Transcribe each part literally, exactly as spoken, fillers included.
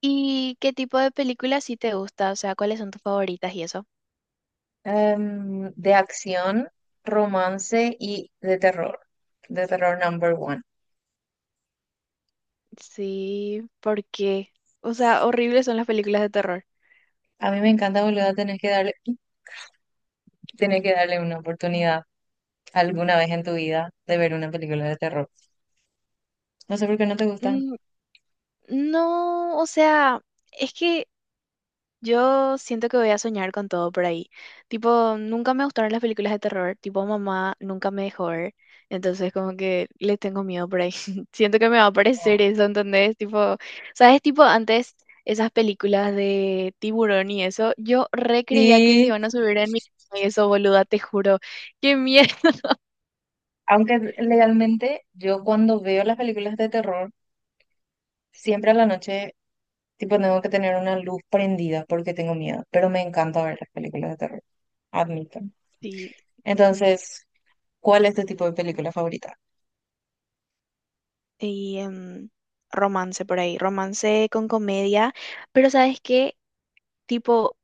¿Y qué tipo de películas sí te gusta? O sea, ¿cuáles son tus favoritas y eso? Em, de acción, romance y de terror. De terror number one. Sí, ¿por qué? O sea, horribles son las películas de terror. A mí me encanta, boludo, tenés que darle, tenés que darle una oportunidad alguna vez en tu vida de ver una película de terror. No sé por qué no te gusta. Mm, no, o sea, es que yo siento que voy a soñar con todo por ahí. Tipo, nunca me gustaron las películas de terror. Tipo, mamá nunca me dejó ver. Entonces, como que le tengo miedo por ahí. Siento que me va a aparecer eso, ¿entendés? Tipo, ¿sabes? Tipo, antes esas películas de tiburón y eso, yo re creía que se Sí, iban a subir en mi... Y eso, boluda, te juro. ¡Qué miedo! aunque legalmente yo cuando veo las películas de terror, siempre a la noche, tipo, tengo que tener una luz prendida porque tengo miedo, pero me encanta ver las películas de terror, admito. Sí, ujú. Entonces, ¿cuál es tu tipo de película favorita? Y em, romance por ahí. Romance con comedia. Pero, ¿sabes qué? Tipo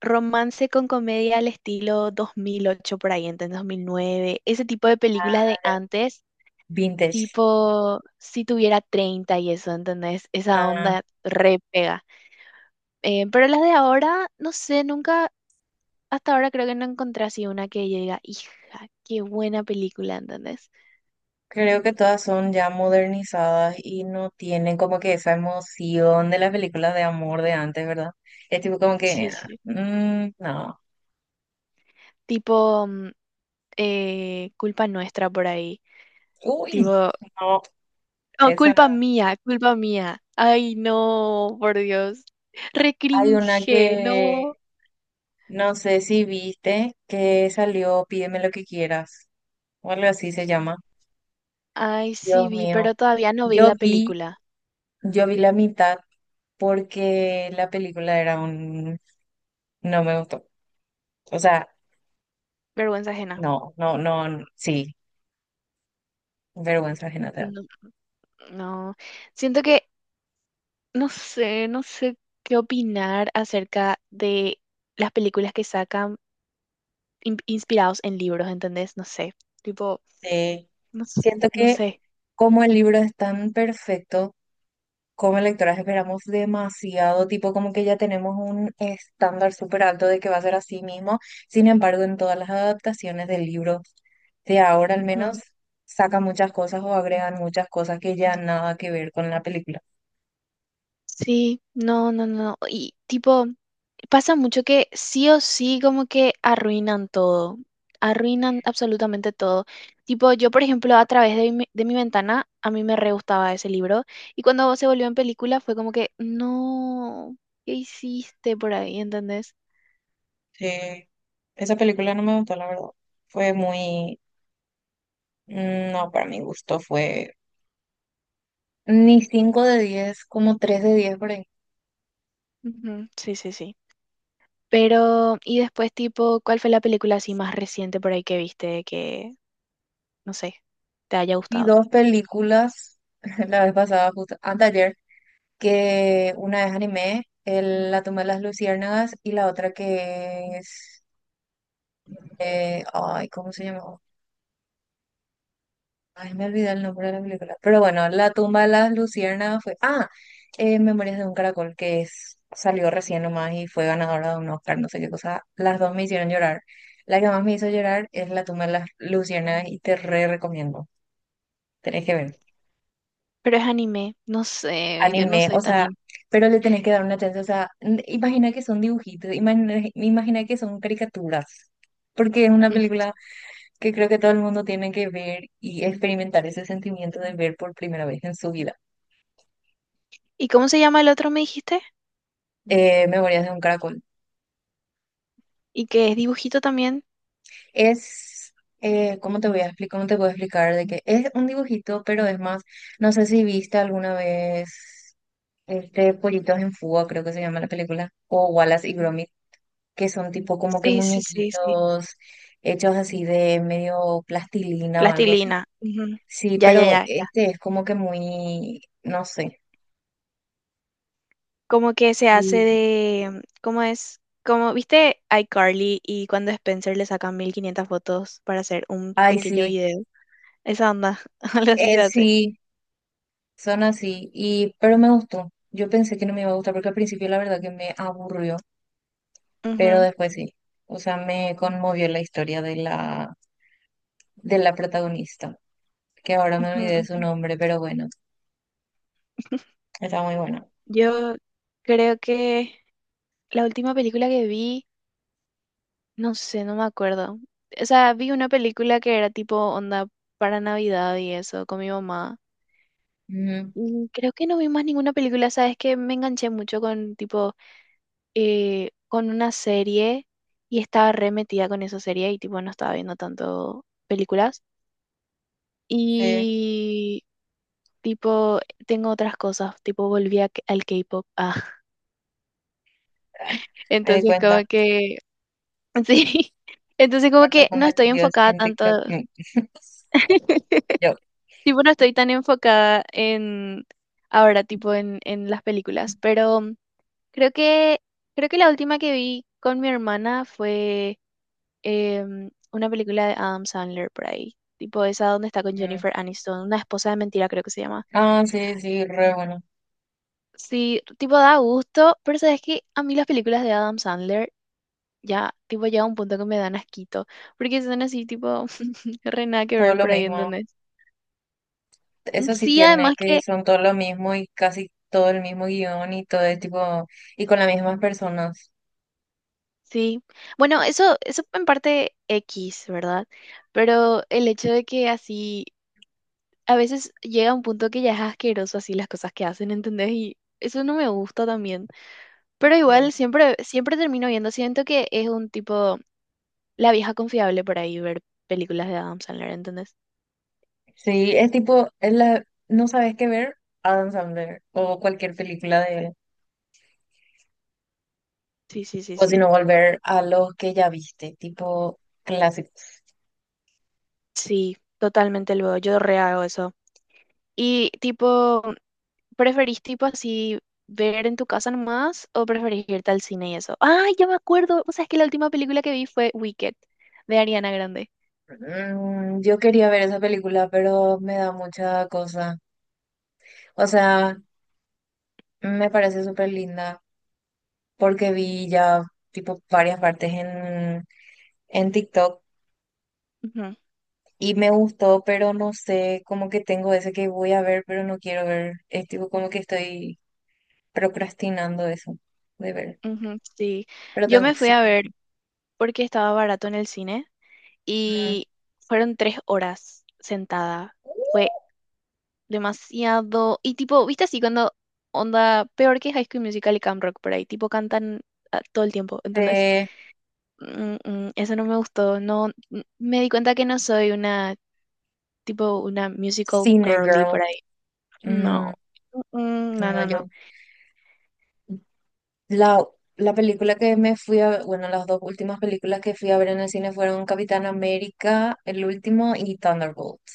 romance con comedia al estilo dos mil ocho por ahí, entonces dos mil nueve, ese tipo de películas Ah, de ya. antes, Vintage. tipo si tuviera treinta y eso, ¿entendés? Esa Ah, onda re pega. Eh, pero las de ahora, no sé, nunca, hasta ahora creo que no encontré así una que yo diga, hija, qué buena película, ¿entendés? creo que todas son ya modernizadas y no tienen como que esa emoción de las películas de amor de antes, ¿verdad? Es tipo como que, Sí, sí. mm, no, Tipo mm, eh, Culpa Nuestra por ahí. uy, Tipo, no, oh, culpa esa. mía, culpa mía. Ay, no, por Dios. Hay una Recringe, no. que no sé si viste que salió Pídeme lo que quieras, o algo así se llama. Ay, sí Dios vi, mío, pero todavía no vi yo la vi, película. yo vi la mitad porque la película era un, no me gustó. O sea, Vergüenza ajena. no, no, no, sí. Vergüenza ajena te da. No, no. Siento que no sé, no sé qué opinar acerca de las películas que sacan in- inspirados en libros, ¿entendés? No sé. Tipo, Sí. no, s- Siento no que sé. como el libro es tan perfecto, como lectoras esperamos demasiado, tipo como que ya tenemos un estándar súper alto de que va a ser así mismo. Sin embargo, en todas las adaptaciones del libro de ahora al Ujú. menos, sacan muchas cosas o agregan muchas cosas que ya nada que ver con la película. Sí, no, no, no. Y tipo. Pasa mucho que sí o sí como que arruinan todo, arruinan absolutamente todo. Tipo, yo por ejemplo a través de mi, de mi ventana, a mí me re gustaba ese libro y cuando se volvió en película fue como que, no, ¿qué hiciste por ahí? ¿Entendés? Sí. Esa película no me gustó, la verdad. Fue muy... No, para mi gusto fue... Ni cinco de diez, como tres de diez por ahí. Ujú, sí, sí, sí. Pero, y después tipo, ¿cuál fue la película así más reciente por ahí que viste que, no sé, te haya Vi gustado? dos películas la vez pasada, justo anteayer, que una es anime, el, La tumba de las luciérnagas, y la otra que es, eh, ay, ¿cómo se llamaba? Ay, me olvidé el nombre de la película. Pero bueno, La tumba de las luciérnagas fue, ah, eh, Memorias de un caracol, que es, salió recién nomás y fue ganadora de un Oscar, no sé qué cosa. Las dos me hicieron llorar. La que más me hizo llorar es La tumba de las luciérnagas y te re recomiendo. Tenés que ver. Pero es anime, no sé, yo no Anime, o soy tan... sea, in- pero le tenés que dar una chance, o sea, n- imagina que son dibujitos, imagina, imagina que son caricaturas, porque es una Ujú. película que creo que todo el mundo tiene que ver y experimentar ese sentimiento de ver por primera vez en su vida. ¿Y cómo se llama el otro, me dijiste? Eh, Memorias de un caracol. Y que es dibujito también. Es, eh, ¿cómo te voy a explicar? ¿Cómo te puedo explicar? De que es un dibujito, pero es más, no sé si viste alguna vez este Pollitos en Fuga, creo que se llama la película, o Wallace y Gromit. Que son tipo como que Sí, sí, sí, sí. muñequitos hechos así de medio plastilina o algo así. Plastilina. Ujú. Sí, Ya, ya, pero ya, ya. este es como que muy, no sé. Como que se hace Y, de, ¿cómo es? Como, ¿viste iCarly y cuando Spencer le sacan mil quinientas fotos para hacer un ay, pequeño sí, video? Esa onda, algo así eh, se hace. sí, son así. Y, pero me gustó. Yo pensé que no me iba a gustar porque al principio la verdad que me aburrió, pero Ujú, después sí. O sea, me conmovió la historia de la, de la protagonista, que ahora me ujú, olvidé su ujú. nombre, pero bueno, está muy bueno. Yo creo que la última película que vi, no sé, no me acuerdo. O sea, vi una película que era tipo onda para Navidad y eso, con mi mamá. Ujú, Mm, creo que no vi más ninguna película, sabes que me enganché mucho con tipo eh, con una serie y estaba re metida con esa serie y tipo no estaba viendo tanto películas sí, y tipo tengo otras cosas, tipo volví a k- al K-pop. Ah, me di entonces cuenta. como que sí. Entonces como Muertos que no estoy compartidos enfocada en tanto. TikTok. Mm, Yo. Tipo, no estoy tan enfocada en ahora, tipo, en, en las películas, pero Creo que, creo que la última que vi con mi hermana fue em, una película de Adam Sandler por ahí. Tipo esa donde está con Mm. Jennifer Aniston, una esposa de mentira creo que se llama. Ah, sí, sí, re bueno. Sí, tipo da gusto, pero sabes que a mí las películas de Adam Sandler ya, tipo llega un punto que me dan asquito, porque son así tipo re nada que Todo ver lo por ahí, mismo. ¿entendés? Mm, Eso sí sí, tiene además que que, son todo lo mismo y casi todo el mismo guión y todo es tipo, y con las mismas personas. sí. Bueno, eso, eso en parte X, ¿verdad? Pero el hecho de que así a veces llega un punto que ya es asqueroso así las cosas que hacen, ¿entendés? Y eso no me gusta también. Pero Sí. igual siempre, siempre termino viendo, siento que es un tipo, la vieja confiable por ahí ver películas de Adam Sandler, ¿entendés? Sí, es tipo, es la, no sabes qué ver, Adam Sandler o cualquier película de él. Sí, sí, sí, O si sí. no, volver a lo que ya viste, tipo clásico. Sí, totalmente luego, yo re hago eso. Y tipo, ¿preferís tipo así ver en tu casa nomás o preferís irte al cine y eso? Ay, ya me acuerdo, o sea, es que la última película que vi fue Wicked, de Ariana Grande. Mm, yo quería ver esa película, pero me da mucha cosa. O sea, me parece súper linda porque vi ya tipo varias partes en, en TikTok Ujú, y me gustó, pero no sé, como que tengo ese que voy a ver, pero no quiero ver. Es tipo como que estoy procrastinando eso de ver. ujú, sí. Pero Yo tengo me que fui sí. a ver porque estaba barato en el cine Mm. y fueron tres horas sentada. Fue demasiado. Y tipo, viste así cuando onda peor que High School Musical y Camp Rock por ahí, tipo cantan ah, todo el tiempo. Entonces, Eh, mm, mm, eso no me gustó. No, mm, me di cuenta que no soy una tipo una musical Cine girly Girl. por ahí. No. Mm, Mm, mm, no, no, no, no. yo la, la película que me fui a, bueno, las dos últimas películas que fui a ver en el cine fueron Capitán América, el último, y Thunderbolts.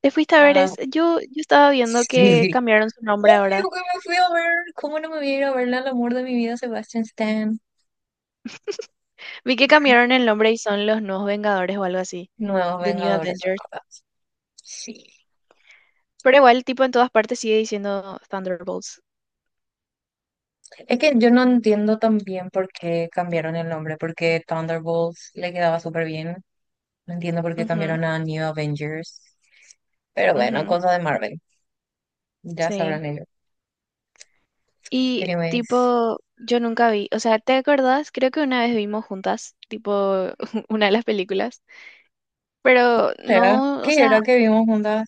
Te fuiste a Son ver, las- es, yo, yo estaba viendo que Sí. cambiaron su nombre ahora. Obvio que me fui a ver. ¿Cómo no me voy a ir a verla al amor de mi vida, Sebastian Stan? Vi que cambiaron el nombre y son los nuevos Vengadores o algo así. Nuevos The New Vengadores, son Avengers. todas. Sí. Pero igual, tipo, en todas partes sigue diciendo Thunderbolts. Es que yo no entiendo también por qué cambiaron el nombre, porque Thunderbolts le quedaba súper bien. No entiendo por qué Ujú, cambiaron a New Avengers. Pero bueno, ujú, cosa de Marvel. Ya sí. sabrán ellos. Y, Anyways. tipo, yo nunca vi. O sea, ¿te acordás? Creo que una vez vimos juntas, tipo, una de las películas. Pero ¿Era? no, o ¿Qué sea, era que vimos juntas?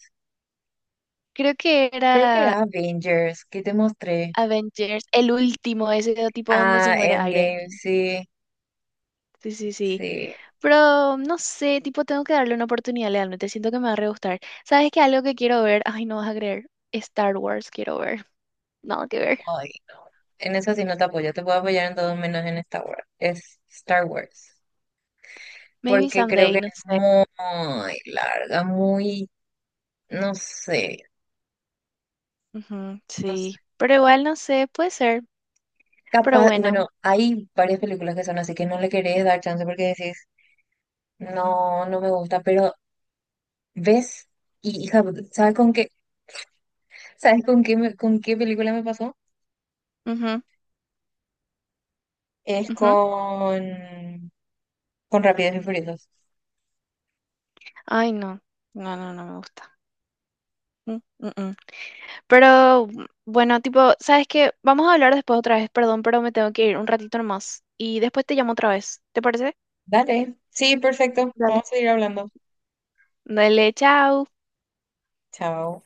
creo que Creo que era era Avengers, que te mostré. Avengers, el último, ese tipo donde se Ah, muere Iron Endgame, Man. sí, Sí, sí, sí. sí. Pero no sé, tipo, tengo que darle una oportunidad legalmente. Siento que me va a re gustar. ¿Sabes qué? Algo que quiero ver. Ay, no vas a creer. Star Wars quiero ver. Nada que ver. Ay, en eso sí no te apoyo, te puedo apoyar en todo menos en Star Wars. Es Star Wars. Maybe Porque creo someday, que no es sé. muy larga, muy, no sé, Ujú, no sé. sí. Pero igual no sé, puede ser. Pero Capaz, bueno. bueno, hay varias películas que son así que no le querés dar chance porque decís, no, no me gusta, pero ves y hija, ¿sabes con qué? ¿Sabes con qué, me- con qué película me pasó? Ujú, Es ujú. con, con Rápidos y Furiosos. Ay, no. No, no, no me gusta. Mm, mm, mm. Pero mm, bueno, tipo, ¿sabes qué? Vamos a hablar después otra vez. Perdón, pero me tengo que ir un ratito nomás. Y después te llamo otra vez. ¿Te parece? Dale. Sí, perfecto. Vamos Dale. a seguir hablando. Dale, chao. Chao.